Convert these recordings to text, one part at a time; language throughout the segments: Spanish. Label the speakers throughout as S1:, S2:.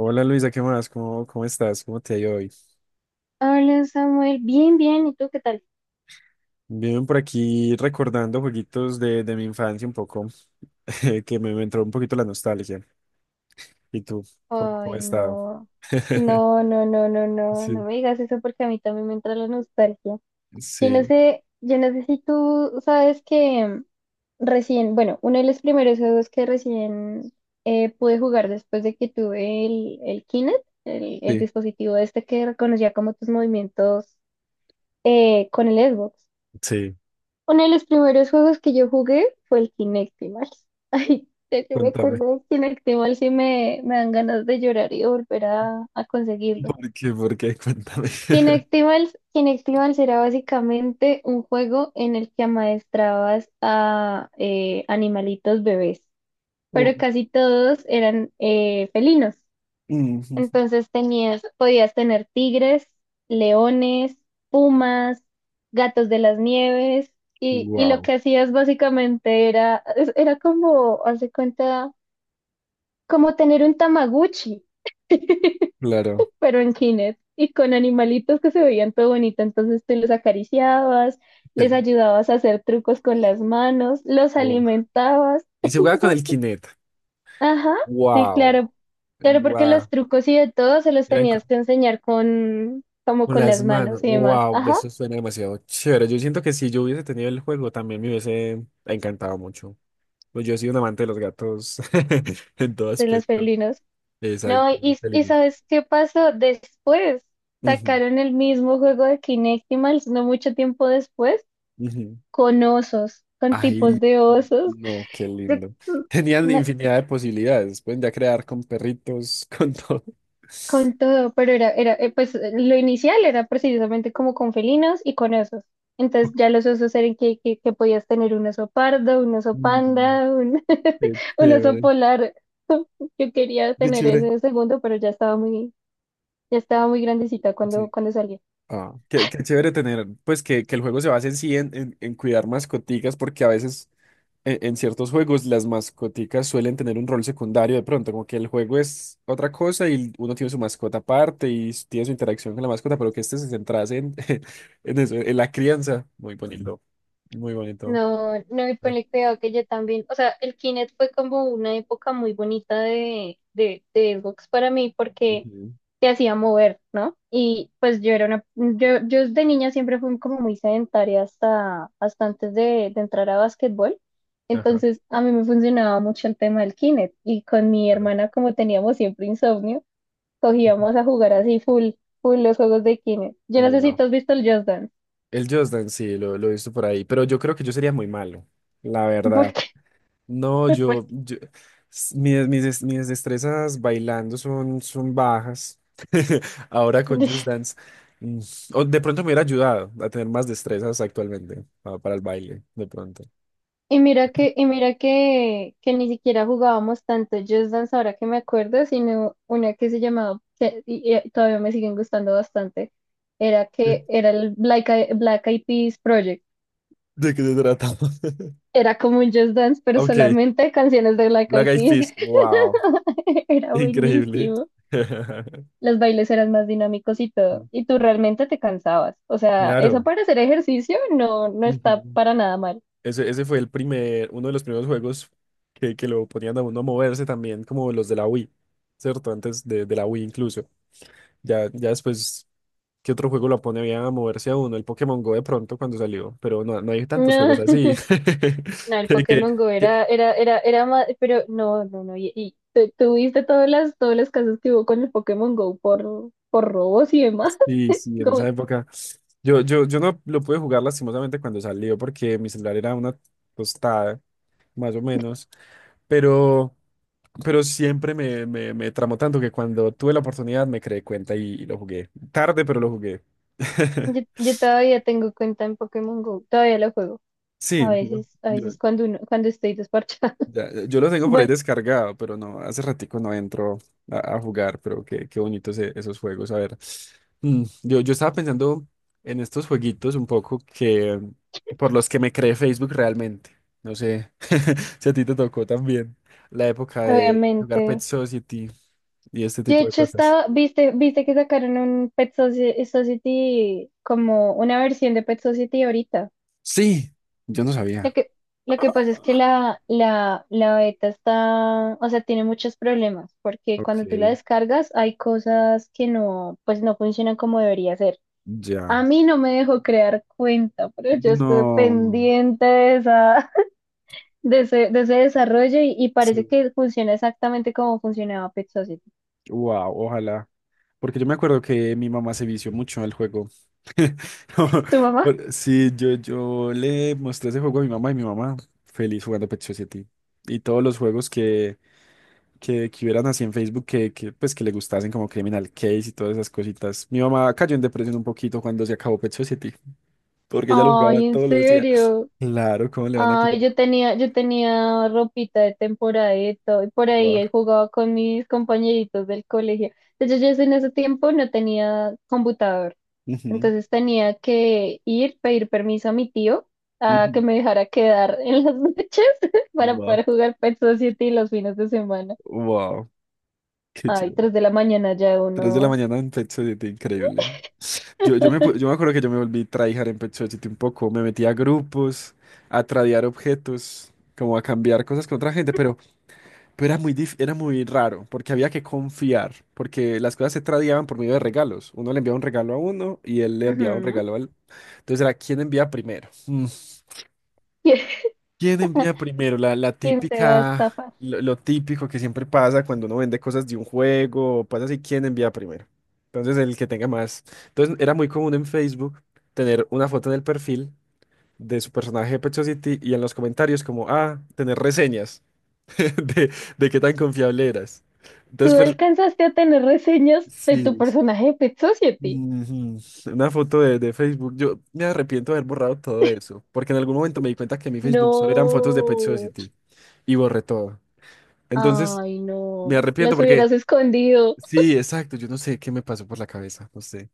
S1: Hola Luisa, ¿qué más? ¿Cómo estás? ¿Cómo te ha ido hoy?
S2: Hola Samuel, bien, bien, ¿y tú qué tal?
S1: Bien, por aquí recordando jueguitos de mi infancia un poco, que me entró un poquito la nostalgia. ¿Y tú? ¿Cómo
S2: Ay,
S1: has estado?
S2: no, no, no, no, no, no, no
S1: Sí,
S2: me digas eso porque a mí también me entra la nostalgia. Yo no
S1: sí,
S2: sé, yo no sé si tú sabes que recién, bueno, uno de los primeros juegos que recién pude jugar después de que tuve el Kinect, el
S1: sí,
S2: dispositivo este que reconocía como tus movimientos con el Xbox.
S1: sí.
S2: Uno de los primeros juegos que yo jugué fue el Kinectimals. Ay, ya que me acordé
S1: Cuéntame.
S2: de Kinectimals y me dan ganas de llorar y de volver a conseguirlo.
S1: ¿Por qué? ¿Por qué? Cuéntame.
S2: Kinectimals era básicamente un juego en el que amaestrabas a animalitos bebés, pero casi todos eran felinos. Entonces podías tener tigres, leones, pumas, gatos de las nieves, y lo
S1: Wow,
S2: que hacías básicamente era como, hace cuenta, como tener un Tamaguchi,
S1: claro.
S2: pero en Kinect, y con animalitos que se veían todo bonito. Entonces tú los acariciabas,
S1: Qué
S2: les
S1: lo-
S2: ayudabas a hacer trucos con las manos, los
S1: oh.
S2: alimentabas.
S1: Y se jugaba con el Kinect.
S2: Ajá, sí,
S1: Wow,
S2: claro. Claro, porque los
S1: wow.
S2: trucos y de todo se los tenías que enseñar como
S1: Con
S2: con
S1: las
S2: las manos
S1: manos.
S2: y demás.
S1: Wow,
S2: Ajá,
S1: eso suena demasiado chévere. Yo siento que si yo hubiese tenido el juego, también me hubiese encantado mucho. Pues yo he sido un amante de los gatos en todo
S2: de los
S1: aspecto.
S2: felinos. No,
S1: Exacto.
S2: y,
S1: Qué
S2: y
S1: lindo.
S2: ¿sabes qué pasó? Después
S1: Ujú,
S2: sacaron el mismo juego de Kinectimals, no mucho tiempo después,
S1: ujú.
S2: con osos, con
S1: Ay,
S2: tipos de osos.
S1: no, qué lindo. Tenían infinidad de posibilidades. Pueden ya crear con perritos, con todo.
S2: Con todo, pero era, pues lo inicial era precisamente como con felinos y con osos. Entonces ya los osos eran que, que podías tener un oso pardo, un oso
S1: Mm,
S2: panda,
S1: Qué
S2: un oso
S1: chévere.
S2: polar. Yo quería
S1: Qué
S2: tener
S1: chévere.
S2: ese segundo, pero ya estaba muy grandecita cuando,
S1: Sí.
S2: cuando salía.
S1: Ah, qué chévere tener, pues que el juego se base en sí en, en cuidar mascoticas, porque a veces en ciertos juegos las mascoticas suelen tener un rol secundario de pronto, como que el juego es otra cosa y uno tiene su mascota aparte y tiene su interacción con la mascota, pero que este se centrase en, en eso, en la crianza. Muy bonito, muy bonito.
S2: No, no, y ponle cuidado que yo también, o sea, el Kinect fue como una época muy bonita de Xbox para mí porque
S1: Ujú,
S2: te hacía mover, ¿no? Y pues yo era una, yo de niña siempre fui como muy sedentaria hasta antes de entrar a básquetbol,
S1: ajá,
S2: entonces a mí me funcionaba mucho el tema del Kinect y con mi
S1: claro.
S2: hermana como teníamos siempre insomnio, cogíamos a jugar así full, full los juegos de Kinect. Yo no sé si
S1: Wow.
S2: tú has visto el Just Dance,
S1: El Just Dance, sí, lo he visto por ahí, pero yo creo que yo sería muy malo, la verdad.
S2: porque,
S1: No, mis destrezas bailando son bajas. Ahora con
S2: porque
S1: Just Dance. mm, O de pronto me hubiera ayudado a tener más destrezas actualmente para, el baile, de pronto.
S2: Y mira que, que ni siquiera jugábamos tanto Just Dance ahora que me acuerdo, sino una que se llamaba, y todavía me siguen gustando bastante, era
S1: ¿De
S2: que era el Black Eyed Peas Project.
S1: de qué se trata?
S2: Era como un Just Dance, pero
S1: Ok,
S2: solamente canciones de Black
S1: Black
S2: Eyed
S1: Eyed Peas.
S2: Peas.
S1: Wow,
S2: Era
S1: increíble.
S2: buenísimo. Los bailes eran más dinámicos y todo. Y tú realmente te cansabas. O sea, eso
S1: Claro.
S2: para hacer ejercicio no está
S1: Ujú.
S2: para nada mal.
S1: Ese fue el primer, uno de los primeros juegos que lo ponían a uno a moverse también, como los de la Wii, ¿cierto? Antes de la Wii incluso. Ya, ya después, ¿qué otro juego la pone bien a moverse a uno? El Pokémon Go de pronto cuando salió, pero no, no hay tantos juegos así.
S2: No, el
S1: Que, que-
S2: Pokémon Go
S1: que-
S2: era más, pero no, no, no, y tuviste todas las casas que hubo con el Pokémon Go por robos y demás.
S1: sí, sí, en esa
S2: Como-
S1: época. Yo no lo pude jugar lastimosamente cuando salió porque mi celular era una tostada, más o menos, pero, pero siempre me tramó tanto que cuando tuve la oportunidad me creé cuenta y lo jugué. Tarde, pero lo jugué.
S2: yo, yo todavía tengo cuenta en Pokémon Go, todavía lo juego. A
S1: Sí, no,
S2: veces, a veces cuando cuando estoy desparchada.
S1: ya, ya, yo lo tengo por ahí
S2: Bueno,
S1: descargado, pero no, hace ratico no entro a jugar, pero qué bonitos esos juegos. A ver, yo estaba pensando en estos jueguitos un poco que por los que me creé Facebook realmente. No sé si a ti te tocó también la época de jugar Pet
S2: obviamente.
S1: Society y este
S2: De
S1: tipo de
S2: hecho,
S1: cosas.
S2: estaba, viste que sacaron un Pet Society, como una versión de Pet Society ahorita.
S1: Sí, yo no
S2: Lo
S1: sabía.
S2: que, lo que pasa es que la beta está, o sea, tiene muchos problemas, porque
S1: Ok,
S2: cuando tú la descargas hay cosas que no, pues no funcionan como debería ser.
S1: ya.
S2: A mí no me dejó crear cuenta, pero yo estuve
S1: No,
S2: pendiente de esa, de ese desarrollo y parece
S1: sí.
S2: que funciona exactamente como funcionaba Pet Society.
S1: Wow, ojalá. Porque yo me acuerdo que mi mamá se vició mucho al juego. No,
S2: ¿Tu mamá?
S1: Sí, yo le mostré ese juego a mi mamá y mi mamá feliz jugando Pet Society. Y todos los juegos que hubieran así en Facebook pues, que le gustasen, como Criminal Case y todas esas cositas. Mi mamá cayó en depresión un poquito cuando se acabó Pet Society, porque ella lo jugaba
S2: Ay, ¿en
S1: todos los días.
S2: serio?
S1: Claro, ¿cómo le van a quitar?
S2: Ay, yo tenía ropita de temporada y de todo, y por ahí
S1: Wow.
S2: ahí jugaba con mis compañeritos del colegio. De hecho, yo en ese tiempo no tenía computador,
S1: Ujú,
S2: entonces tenía que ir, pedir permiso a mi tío a
S1: ujú.
S2: que me dejara quedar en las noches para
S1: Wow.
S2: poder jugar Pet Society los fines de semana.
S1: Wow. Qué
S2: Ay,
S1: chévere.
S2: tres de la mañana ya
S1: Tres de la
S2: uno.
S1: mañana en Pet Society, increíble. Yo me acuerdo que yo me volví tryhard en Pet Society un poco. Me metí a grupos, a tradear objetos, como a cambiar cosas con otra gente, pero era muy raro, porque había que confiar, porque las cosas se tradeaban por medio de regalos. Uno le enviaba un regalo a uno y él le enviaba un
S2: Ujú.
S1: regalo al... Entonces era quién envía primero. Mm.
S2: ¿Quién
S1: ¿Quién envía primero? La
S2: quién te va a
S1: típica,
S2: estafar?
S1: lo típico que siempre pasa cuando uno vende cosas de un juego, o pasa así, ¿quién envía primero? Entonces el que tenga más. Entonces era muy común en Facebook tener una foto en el perfil de su personaje de Pet Society y en los comentarios como, ah, tener reseñas de, de qué tan confiable eras. Entonces,
S2: ¿Tú alcanzaste a tener reseñas de tu
S1: sí,
S2: personaje de Pet Society?
S1: ujú, una foto de Facebook. Yo me arrepiento de haber borrado todo eso, porque en algún momento me di cuenta que mi Facebook solo eran fotos de Pet
S2: No,
S1: Society y borré todo. Entonces,
S2: ay,
S1: me
S2: no,
S1: arrepiento
S2: las
S1: porque,
S2: hubieras escondido.
S1: sí, exacto, yo no sé qué me pasó por la cabeza, no sé.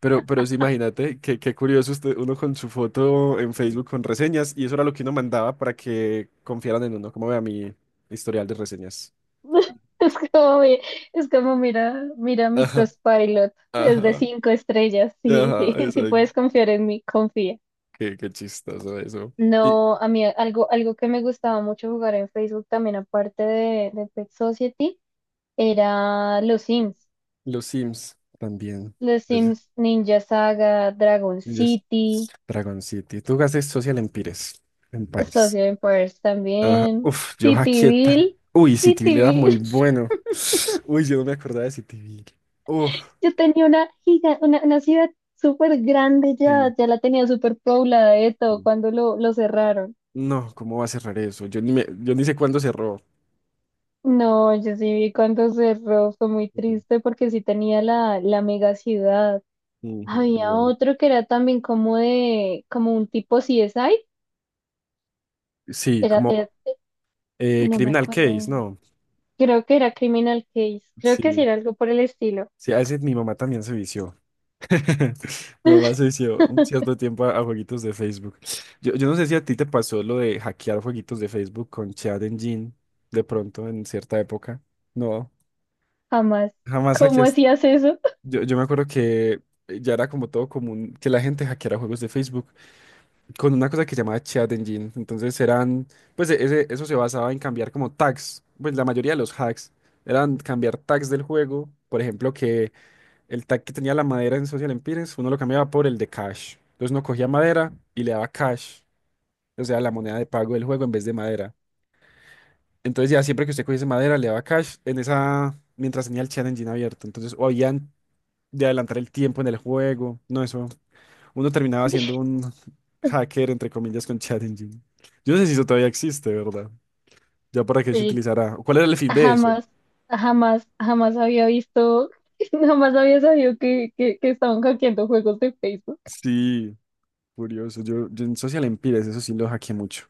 S1: Pero sí, imagínate, qué curioso usted, uno con su foto en Facebook con reseñas, y eso era lo que uno mandaba para que confiaran en uno, como vea mi historial de reseñas.
S2: Es como, mi- es como mira, mira mi
S1: Ajá,
S2: Trustpilot, es de
S1: ajá,
S2: 5 estrellas. Sí,
S1: ajá,
S2: sí, sí
S1: exacto.
S2: puedes confiar en mí, confía.
S1: Qué chistoso eso. Y
S2: No, a mí algo que me gustaba mucho jugar en Facebook también, aparte de Pet Society, era los Sims.
S1: los Sims también.
S2: Los
S1: Es-
S2: Sims Ninja Saga, Dragon
S1: es
S2: City,
S1: Dragon City. Tú haces Social Empires. Empires.
S2: Social Empires
S1: Ajá.
S2: también,
S1: Uf, yo hackeé
S2: Cityville,
S1: uy, Cityville era muy
S2: Cityville.
S1: bueno. Uy, yo no me acordaba de CityVille. Uf,
S2: Yo tenía una ciudad súper grande,
S1: sí,
S2: ya la tenía súper poblada de todo
S1: sí.
S2: cuando lo cerraron.
S1: No, ¿cómo va a cerrar eso? Yo ni sé cuándo cerró.
S2: No, yo sí vi cuando cerró, fue muy
S1: Ujú,
S2: triste porque sí tenía la mega ciudad.
S1: ujú,
S2: Había
S1: wow.
S2: otro que era también como de, como un tipo CSI,
S1: Sí,
S2: era,
S1: como
S2: era- no me
S1: Criminal
S2: acuerdo
S1: Case,
S2: bien.
S1: ¿no?
S2: Creo que era Criminal Case, creo que sí
S1: Sí,
S2: era algo por el estilo.
S1: sí, a veces mi mamá también se vició. Mi mamá se vició un cierto tiempo a jueguitos de Facebook. Yo no sé si a ti te pasó lo de hackear jueguitos de Facebook con Chat Engine de pronto en cierta época. No,
S2: Jamás.
S1: jamás
S2: ¿Cómo
S1: hackeaste.
S2: hacías eso?
S1: Yo me acuerdo que ya era como todo común que la gente hackeara juegos de Facebook con una cosa que se llamaba Chat Engine. Entonces eran, pues eso se basaba en cambiar como tags, pues la mayoría de los hacks eran cambiar tags del juego. Por ejemplo, que el tag que tenía la madera en Social Empires, uno lo cambiaba por el de cash. Entonces uno cogía madera y le daba cash, o sea, la moneda de pago del juego en vez de madera. Entonces ya siempre que usted cogiese madera le daba cash en esa, mientras tenía el Chat Engine abierto. Entonces o habían de adelantar el tiempo en el juego, no, eso uno terminaba siendo un hacker, entre comillas, con ChatGPT. Yo no sé si eso todavía existe, ¿verdad? Ya para qué se
S2: Oye,
S1: utilizará. ¿Cuál era el fin de eso?
S2: jamás, jamás, jamás había visto, jamás había sabido que, que estaban hackeando juegos de Facebook.
S1: Sí, curioso. Yo en Social Empires, eso sí lo hackeé mucho.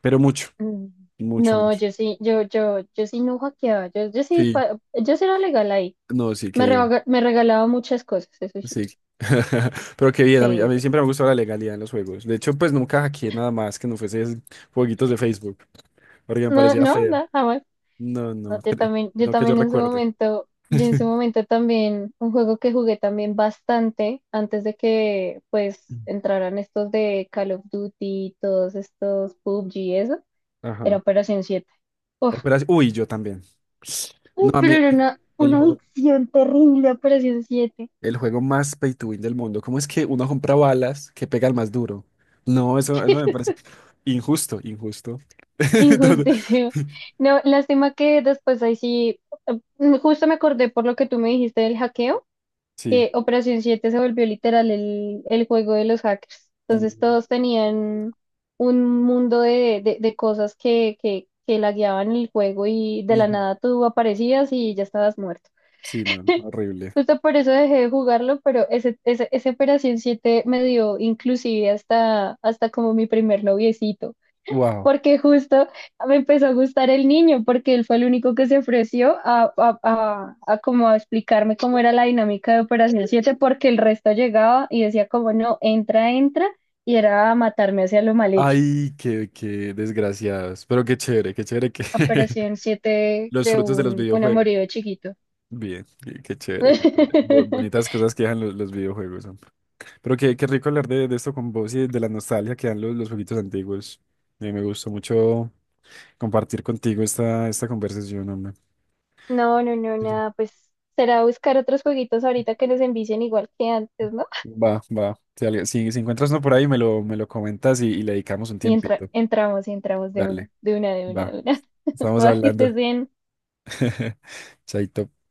S1: Pero mucho,
S2: Mm.
S1: mucho,
S2: No,
S1: mucho.
S2: yo sí, yo sí no hackeaba, yo, yo sí,
S1: Sí,
S2: pa- yo sí era legal ahí.
S1: no, sí, qué
S2: Me,
S1: bien.
S2: rega- me regalaba muchas cosas, eso sí,
S1: Sí. Pero qué bien, a mí, a
S2: sí,
S1: mí
S2: sí.
S1: siempre me gustó la legalidad en los juegos. De hecho, pues nunca hackeé nada más que no fuese esos jueguitos de Facebook, porque me
S2: No,
S1: parecía
S2: no,
S1: feo.
S2: no, jamás.
S1: No,
S2: No,
S1: no,
S2: yo también, yo
S1: no que yo
S2: también en su
S1: recuerde.
S2: momento, yo en su momento también, un juego que jugué también bastante antes de que pues entraran estos de Call of Duty, todos estos PUBG, eso. Era
S1: Ajá.
S2: Operación 7. Uf,
S1: Operación. Uy, yo también. No, a
S2: pero
S1: mí
S2: era una,
S1: el
S2: una
S1: juego.
S2: adicción terrible, Operación 7.
S1: El juego más pay to win del mundo. ¿Cómo es que uno compra balas que pega al más duro? No, eso me parece injusto, injusto. No, no.
S2: Injusticia. No, lástima que después ahí sí, justo me acordé por lo que tú me dijiste del hackeo,
S1: Sí.
S2: que Operación 7 se volvió literal el juego de los hackers. Entonces
S1: Ujú,
S2: todos tenían un mundo de cosas que, que lagueaban el juego y de la
S1: ujú.
S2: nada tú aparecías y ya estabas muerto.
S1: Sí, no, horrible.
S2: Justo por eso dejé de jugarlo, pero ese Operación 7 me dio inclusive hasta como mi primer noviecito,
S1: Wow.
S2: porque justo me empezó a gustar el niño, porque él fue el único que se ofreció a como a explicarme cómo era la dinámica de Operación 7 porque el resto llegaba y decía como no, entra, entra, y era a matarme hacia lo mal hecho.
S1: Ay, qué desgraciados. Pero qué chévere que
S2: Operación 7
S1: los
S2: creó
S1: frutos de los
S2: un
S1: videojuegos.
S2: amorío de chiquito.
S1: Bien, qué chévere, qué chévere. Bonitas cosas que dejan los videojuegos. ¿No? Pero qué rico hablar de esto con vos y de la nostalgia que dan los jueguitos antiguos. Me gustó mucho compartir contigo esta conversación, hombre.
S2: No, no, no,
S1: Dije,
S2: nada, pues será buscar otros jueguitos ahorita que nos envicien igual que antes, ¿no?
S1: va, va. Si, si encuentras uno por ahí, me lo comentas y le dedicamos un
S2: Y entra-
S1: tiempito.
S2: entramos y entramos de una,
S1: Dale,
S2: de una, de una,
S1: va.
S2: de una.
S1: Estamos
S2: Va, que
S1: hablando.
S2: estés bien.
S1: Chaito.